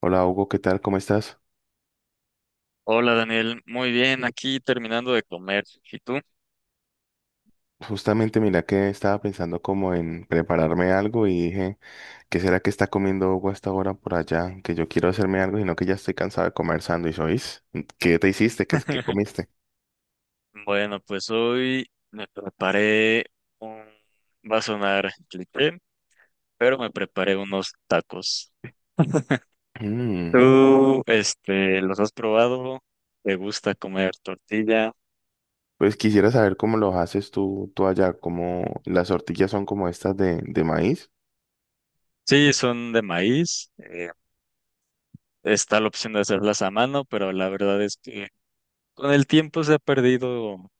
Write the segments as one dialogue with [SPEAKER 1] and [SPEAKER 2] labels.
[SPEAKER 1] Hola Hugo, ¿qué tal? ¿Cómo estás?
[SPEAKER 2] Hola Daniel, muy bien, aquí terminando de comer. ¿Y tú?
[SPEAKER 1] Justamente mira que estaba pensando como en prepararme algo y dije, ¿qué será que está comiendo Hugo hasta ahora por allá? Que yo quiero hacerme algo, sino que ya estoy cansado de comer sándwich, ¿oís? ¿Qué te hiciste? ¿Qué comiste?
[SPEAKER 2] Bueno, pues hoy me preparé un... Va a sonar cliché, pero me preparé unos tacos.
[SPEAKER 1] Mm,
[SPEAKER 2] ¿Tú, los has probado? ¿Te gusta comer tortilla?
[SPEAKER 1] pues quisiera saber cómo los haces tú allá, cómo las tortillas son como estas de maíz.
[SPEAKER 2] Sí, son de maíz. Está la opción de hacerlas a mano, pero la verdad es que con el tiempo se ha perdido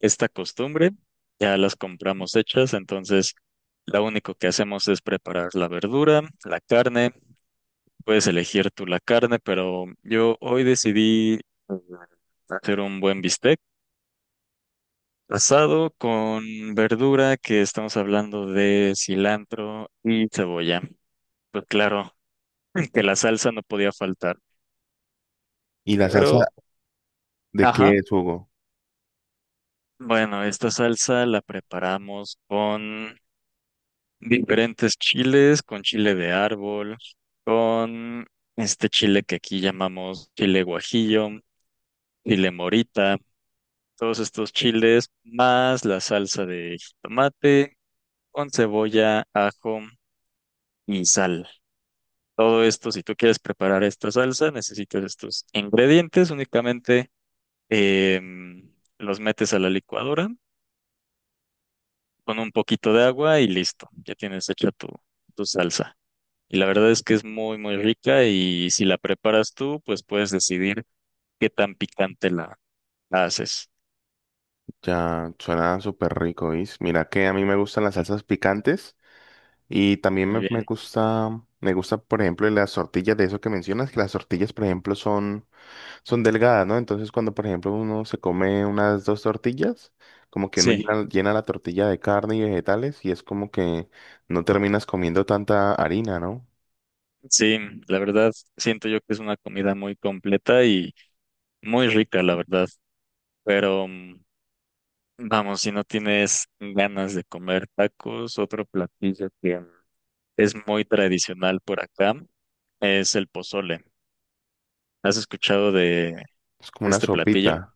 [SPEAKER 2] esta costumbre, ya las compramos hechas, entonces lo único que hacemos es preparar la verdura, la carne, puedes elegir tú la carne, pero yo hoy decidí hacer un buen bistec asado con verdura que estamos hablando de cilantro y cebolla. Pues claro, que la salsa no podía faltar,
[SPEAKER 1] ¿Y la salsa
[SPEAKER 2] pero,
[SPEAKER 1] de qué
[SPEAKER 2] ajá,
[SPEAKER 1] es, Hugo?
[SPEAKER 2] bueno, esta salsa la preparamos con diferentes chiles, con chile de árbol, con este chile que aquí llamamos chile guajillo, chile morita, todos estos chiles, más la salsa de jitomate, con cebolla, ajo y sal. Todo esto, si tú quieres preparar esta salsa, necesitas estos ingredientes, únicamente em, los metes a la licuadora con un poquito de agua y listo, ya tienes hecha tu salsa. Y la verdad es que es muy, muy rica y si la preparas tú, pues puedes decidir qué tan picante la haces.
[SPEAKER 1] Ya suena súper rico, ¿oís? Mira que a mí me gustan las salsas picantes. Y también
[SPEAKER 2] Muy
[SPEAKER 1] me, me
[SPEAKER 2] bien.
[SPEAKER 1] gusta, me gusta, por ejemplo, las tortillas de eso que mencionas, que las tortillas, por ejemplo, son delgadas, ¿no? Entonces, cuando, por ejemplo, uno se come unas dos tortillas, como que uno
[SPEAKER 2] Sí,
[SPEAKER 1] llena la tortilla de carne y vegetales y es como que no terminas comiendo tanta harina, ¿no?
[SPEAKER 2] sí, la verdad siento yo que es una comida muy completa y muy rica, la verdad. Pero vamos, si no tienes ganas de comer tacos, otro platillo que es muy tradicional por acá es el pozole. ¿Has escuchado de
[SPEAKER 1] Es como una
[SPEAKER 2] este platillo?
[SPEAKER 1] sopita.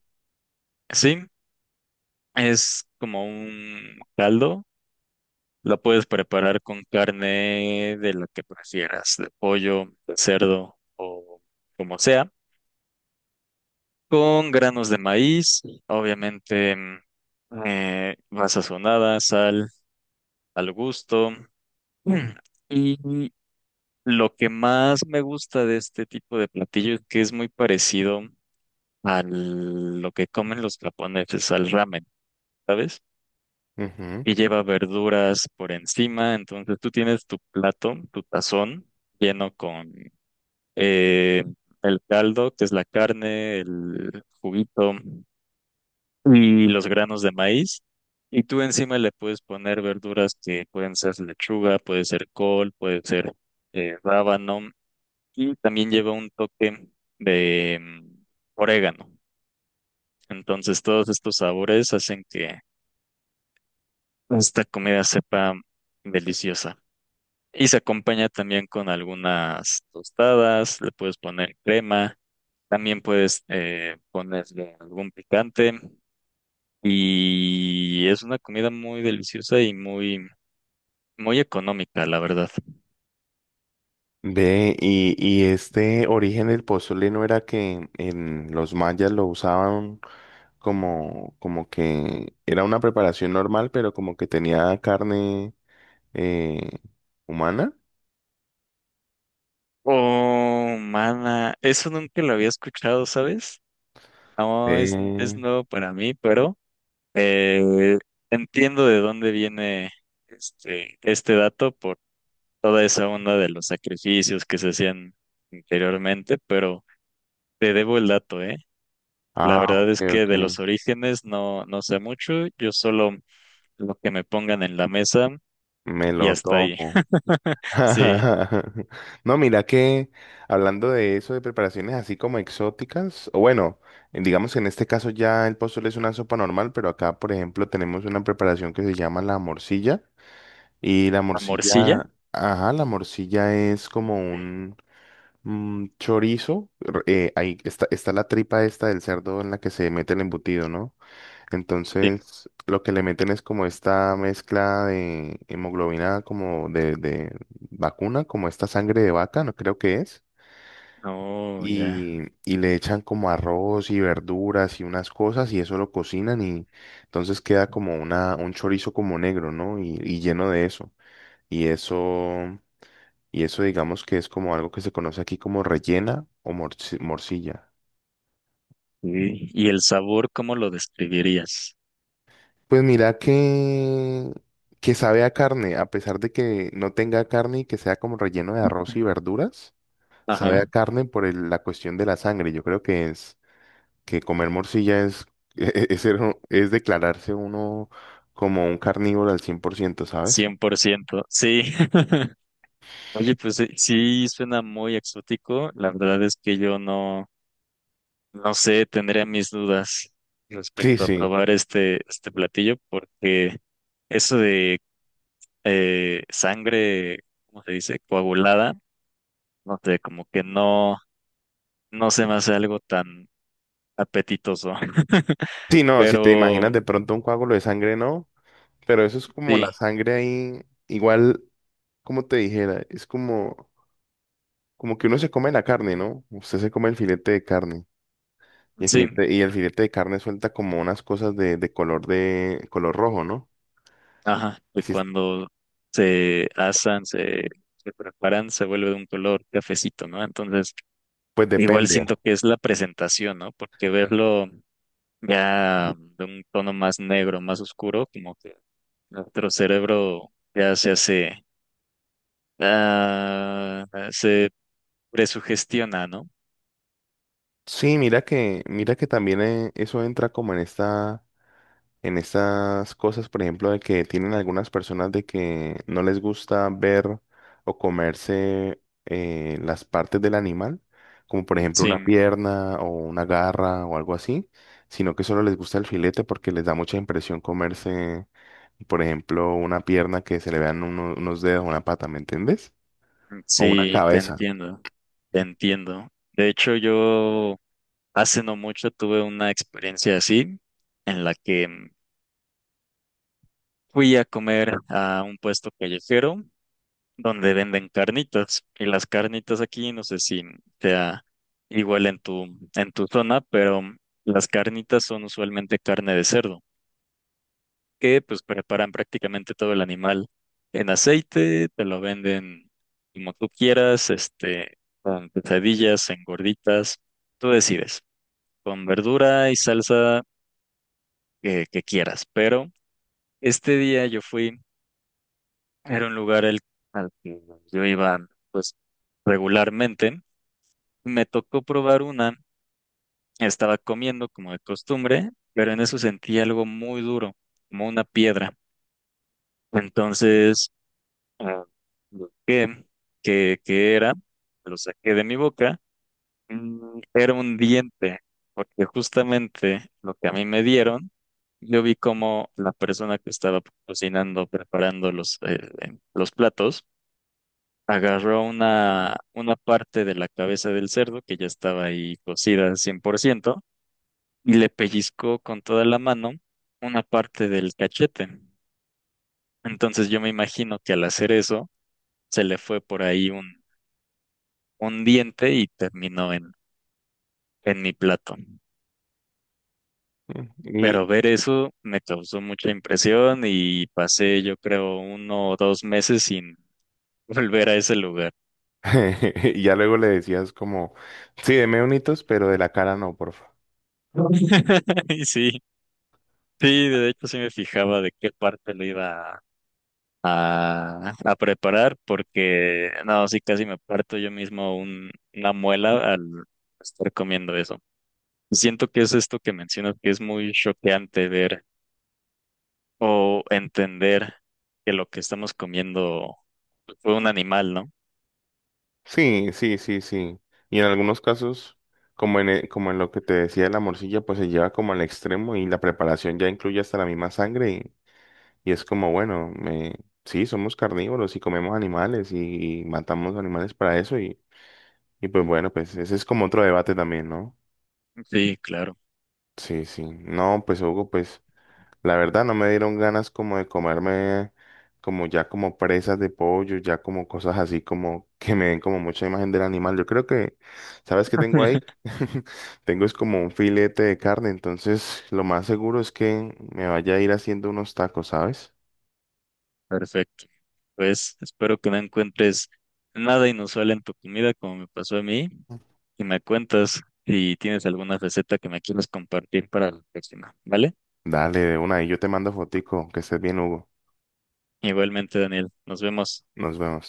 [SPEAKER 2] Sí, es como un caldo. La puedes preparar con carne de la que prefieras, de pollo, de cerdo o como sea, con granos de maíz, obviamente va sazonada, sal al gusto. Mm, Y lo que más me gusta de este tipo de platillo es que es muy parecido a lo que comen los japoneses, al ramen, ¿sabes?
[SPEAKER 1] Ujú.
[SPEAKER 2] Y lleva verduras por encima, entonces tú tienes tu plato, tu tazón lleno con eh, el caldo, que es la carne, el juguito y los granos de maíz. Y tú encima le puedes poner verduras que pueden ser lechuga, puede ser col, puede ser rábano y también lleva un toque de orégano. Entonces todos estos sabores hacen que esta comida sepa deliciosa. Y se acompaña también con algunas tostadas, le puedes poner crema. También puedes ponerle algún picante y es una comida muy deliciosa y muy, muy económica, la verdad.
[SPEAKER 1] Ve, y este origen del pozole no era que en los mayas lo usaban como que era una preparación normal, pero como que tenía carne eh, humana.
[SPEAKER 2] Oh, mana, eso nunca lo había escuchado, ¿sabes? No, es
[SPEAKER 1] Ve.
[SPEAKER 2] nuevo para mí, pero... Eh, entiendo de dónde viene este dato por toda esa onda de los sacrificios que se hacían anteriormente, pero te debo el dato, ¿eh? La
[SPEAKER 1] Ah,
[SPEAKER 2] verdad
[SPEAKER 1] ok,
[SPEAKER 2] es que
[SPEAKER 1] ok.
[SPEAKER 2] de los orígenes no, no sé mucho, yo solo lo que me pongan en la mesa
[SPEAKER 1] Me
[SPEAKER 2] y
[SPEAKER 1] lo
[SPEAKER 2] hasta ahí.
[SPEAKER 1] tomo.
[SPEAKER 2] Sí,
[SPEAKER 1] No, mira que hablando de eso, de preparaciones así como exóticas, o bueno, digamos que en este caso ya el pozole es una sopa normal, pero acá, por ejemplo, tenemos una preparación que se llama la morcilla. Y la
[SPEAKER 2] la
[SPEAKER 1] morcilla,
[SPEAKER 2] morcilla.
[SPEAKER 1] ajá, la morcilla es como un chorizo. Ahí está la tripa esta del cerdo en la que se mete el embutido, ¿no?
[SPEAKER 2] Sí.
[SPEAKER 1] Entonces, lo que le meten es como esta mezcla de hemoglobina, como de vacuna, como esta sangre de vaca, no creo que es.
[SPEAKER 2] Oh, ya.
[SPEAKER 1] Y le echan como arroz y verduras y unas cosas y eso lo cocinan y entonces queda como un chorizo como negro, ¿no? Y lleno de eso. Y eso. Y eso digamos que es como algo que se conoce aquí como rellena o morcilla.
[SPEAKER 2] Sí. ¿Y el sabor, cómo lo describirías?
[SPEAKER 1] Pues mira que sabe a carne, a pesar de que no tenga carne y que sea como relleno de arroz y verduras, sabe a
[SPEAKER 2] Ajá.
[SPEAKER 1] carne por la cuestión de la sangre. Yo creo que es que comer morcilla es, es declararse uno como un carnívoro al 100%, ¿sabes?
[SPEAKER 2] 100%. Sí. Oye, pues sí, sí suena muy exótico. La verdad es que yo no, no sé, tendría mis dudas
[SPEAKER 1] Sí,
[SPEAKER 2] respecto a
[SPEAKER 1] sí.
[SPEAKER 2] probar este platillo, porque eso de sangre, ¿cómo se dice? Coagulada, no sé, como que no, no se me hace algo tan apetitoso.
[SPEAKER 1] Sí, no, si te
[SPEAKER 2] Pero
[SPEAKER 1] imaginas de pronto un coágulo de sangre, no, pero eso es como la
[SPEAKER 2] sí,
[SPEAKER 1] sangre ahí, igual como te dijera, es como, como que uno se come la carne, ¿no? Usted se come el filete de carne. Y el
[SPEAKER 2] sí,
[SPEAKER 1] filete, y el filete de carne suelta como unas cosas de color rojo, ¿no?
[SPEAKER 2] ajá, y
[SPEAKER 1] Así es,
[SPEAKER 2] cuando se asan, se preparan, se vuelve de un color cafecito, ¿no? Entonces
[SPEAKER 1] pues
[SPEAKER 2] igual
[SPEAKER 1] depende.
[SPEAKER 2] siento que es la presentación, ¿no? Porque verlo ya de un tono más negro, más oscuro, como que nuestro cerebro ya se hace, ah, se presugestiona, ¿no?
[SPEAKER 1] Sí, mira que también eso entra como en esta. En estas cosas, por ejemplo, de que tienen algunas personas de que no les gusta ver o comerse las partes del animal, como por ejemplo
[SPEAKER 2] Sí,
[SPEAKER 1] una pierna o una garra o algo así, sino que solo les gusta el filete porque les da mucha impresión comerse, por ejemplo, una pierna que se le vean unos dedos, una pata, ¿me entiendes? O una, entiendo,
[SPEAKER 2] sí, te
[SPEAKER 1] cabeza.
[SPEAKER 2] entiendo, te entiendo. De hecho, yo hace no mucho tuve una experiencia así, en la que fui a comer a un puesto callejero donde venden carnitas. Y las carnitas aquí, no sé si sea igual en tu zona, pero las carnitas son usualmente carne de cerdo, que pues preparan prácticamente todo el animal en aceite, te lo venden como tú quieras, con pesadillas, en gorditas, tú decides, con verdura y salsa que quieras. Pero este día yo fui, era un lugar al que yo iba pues regularmente. Me tocó probar una, estaba comiendo como de costumbre, pero en eso sentí algo muy duro, como una piedra. Entonces, ah, busqué qué era, lo saqué de mi boca, era un diente, porque justamente lo que a mí me dieron, yo vi como la persona que estaba cocinando, preparando los platos, agarró una parte de la cabeza del cerdo que ya estaba ahí cocida al 100% y le pellizcó con toda la mano una parte del cachete. Entonces yo me imagino que al hacer eso se le fue por ahí un diente y terminó en mi plato. Pero
[SPEAKER 1] Y,
[SPEAKER 2] ver eso me causó mucha impresión y pasé yo creo 1 o 2 meses sin volver a ese lugar.
[SPEAKER 1] y ya luego le decías como, sí, deme unitos, pero de la cara no, por favor.
[SPEAKER 2] Y sí, sí, de hecho sí me fijaba de qué parte lo iba a preparar porque no, sí casi me parto yo mismo una muela al estar comiendo eso. Siento que es esto que mencionas que es muy choqueante ver o entender que lo que estamos comiendo fue un animal, ¿no?
[SPEAKER 1] Sí, sí, sí, sí. Y en algunos casos, como en lo que te decía de la morcilla, pues se lleva como al extremo y la preparación ya incluye hasta la misma sangre y es como, bueno, sí, somos carnívoros y comemos animales y matamos animales para eso y pues bueno, pues ese es como otro debate también, ¿no?
[SPEAKER 2] Sí, claro.
[SPEAKER 1] Sí, sí. No, pues Hugo, pues. La verdad no me dieron ganas como de comerme como ya como presas de pollo, ya como cosas así como que me den como mucha imagen del animal. Yo creo que, ¿sabes qué tengo ahí? Tengo es como un filete de carne, entonces lo más seguro es que me vaya a ir haciendo unos tacos, ¿sabes?
[SPEAKER 2] Perfecto. Pues espero que no encuentres nada inusual en tu comida como me pasó a mí y me cuentas si tienes alguna receta que me quieras compartir para la próxima, ¿vale?
[SPEAKER 1] Dale, de una, y yo te mando fotico, que estés bien, Hugo.
[SPEAKER 2] Igualmente, Daniel, nos vemos.
[SPEAKER 1] Nos vemos.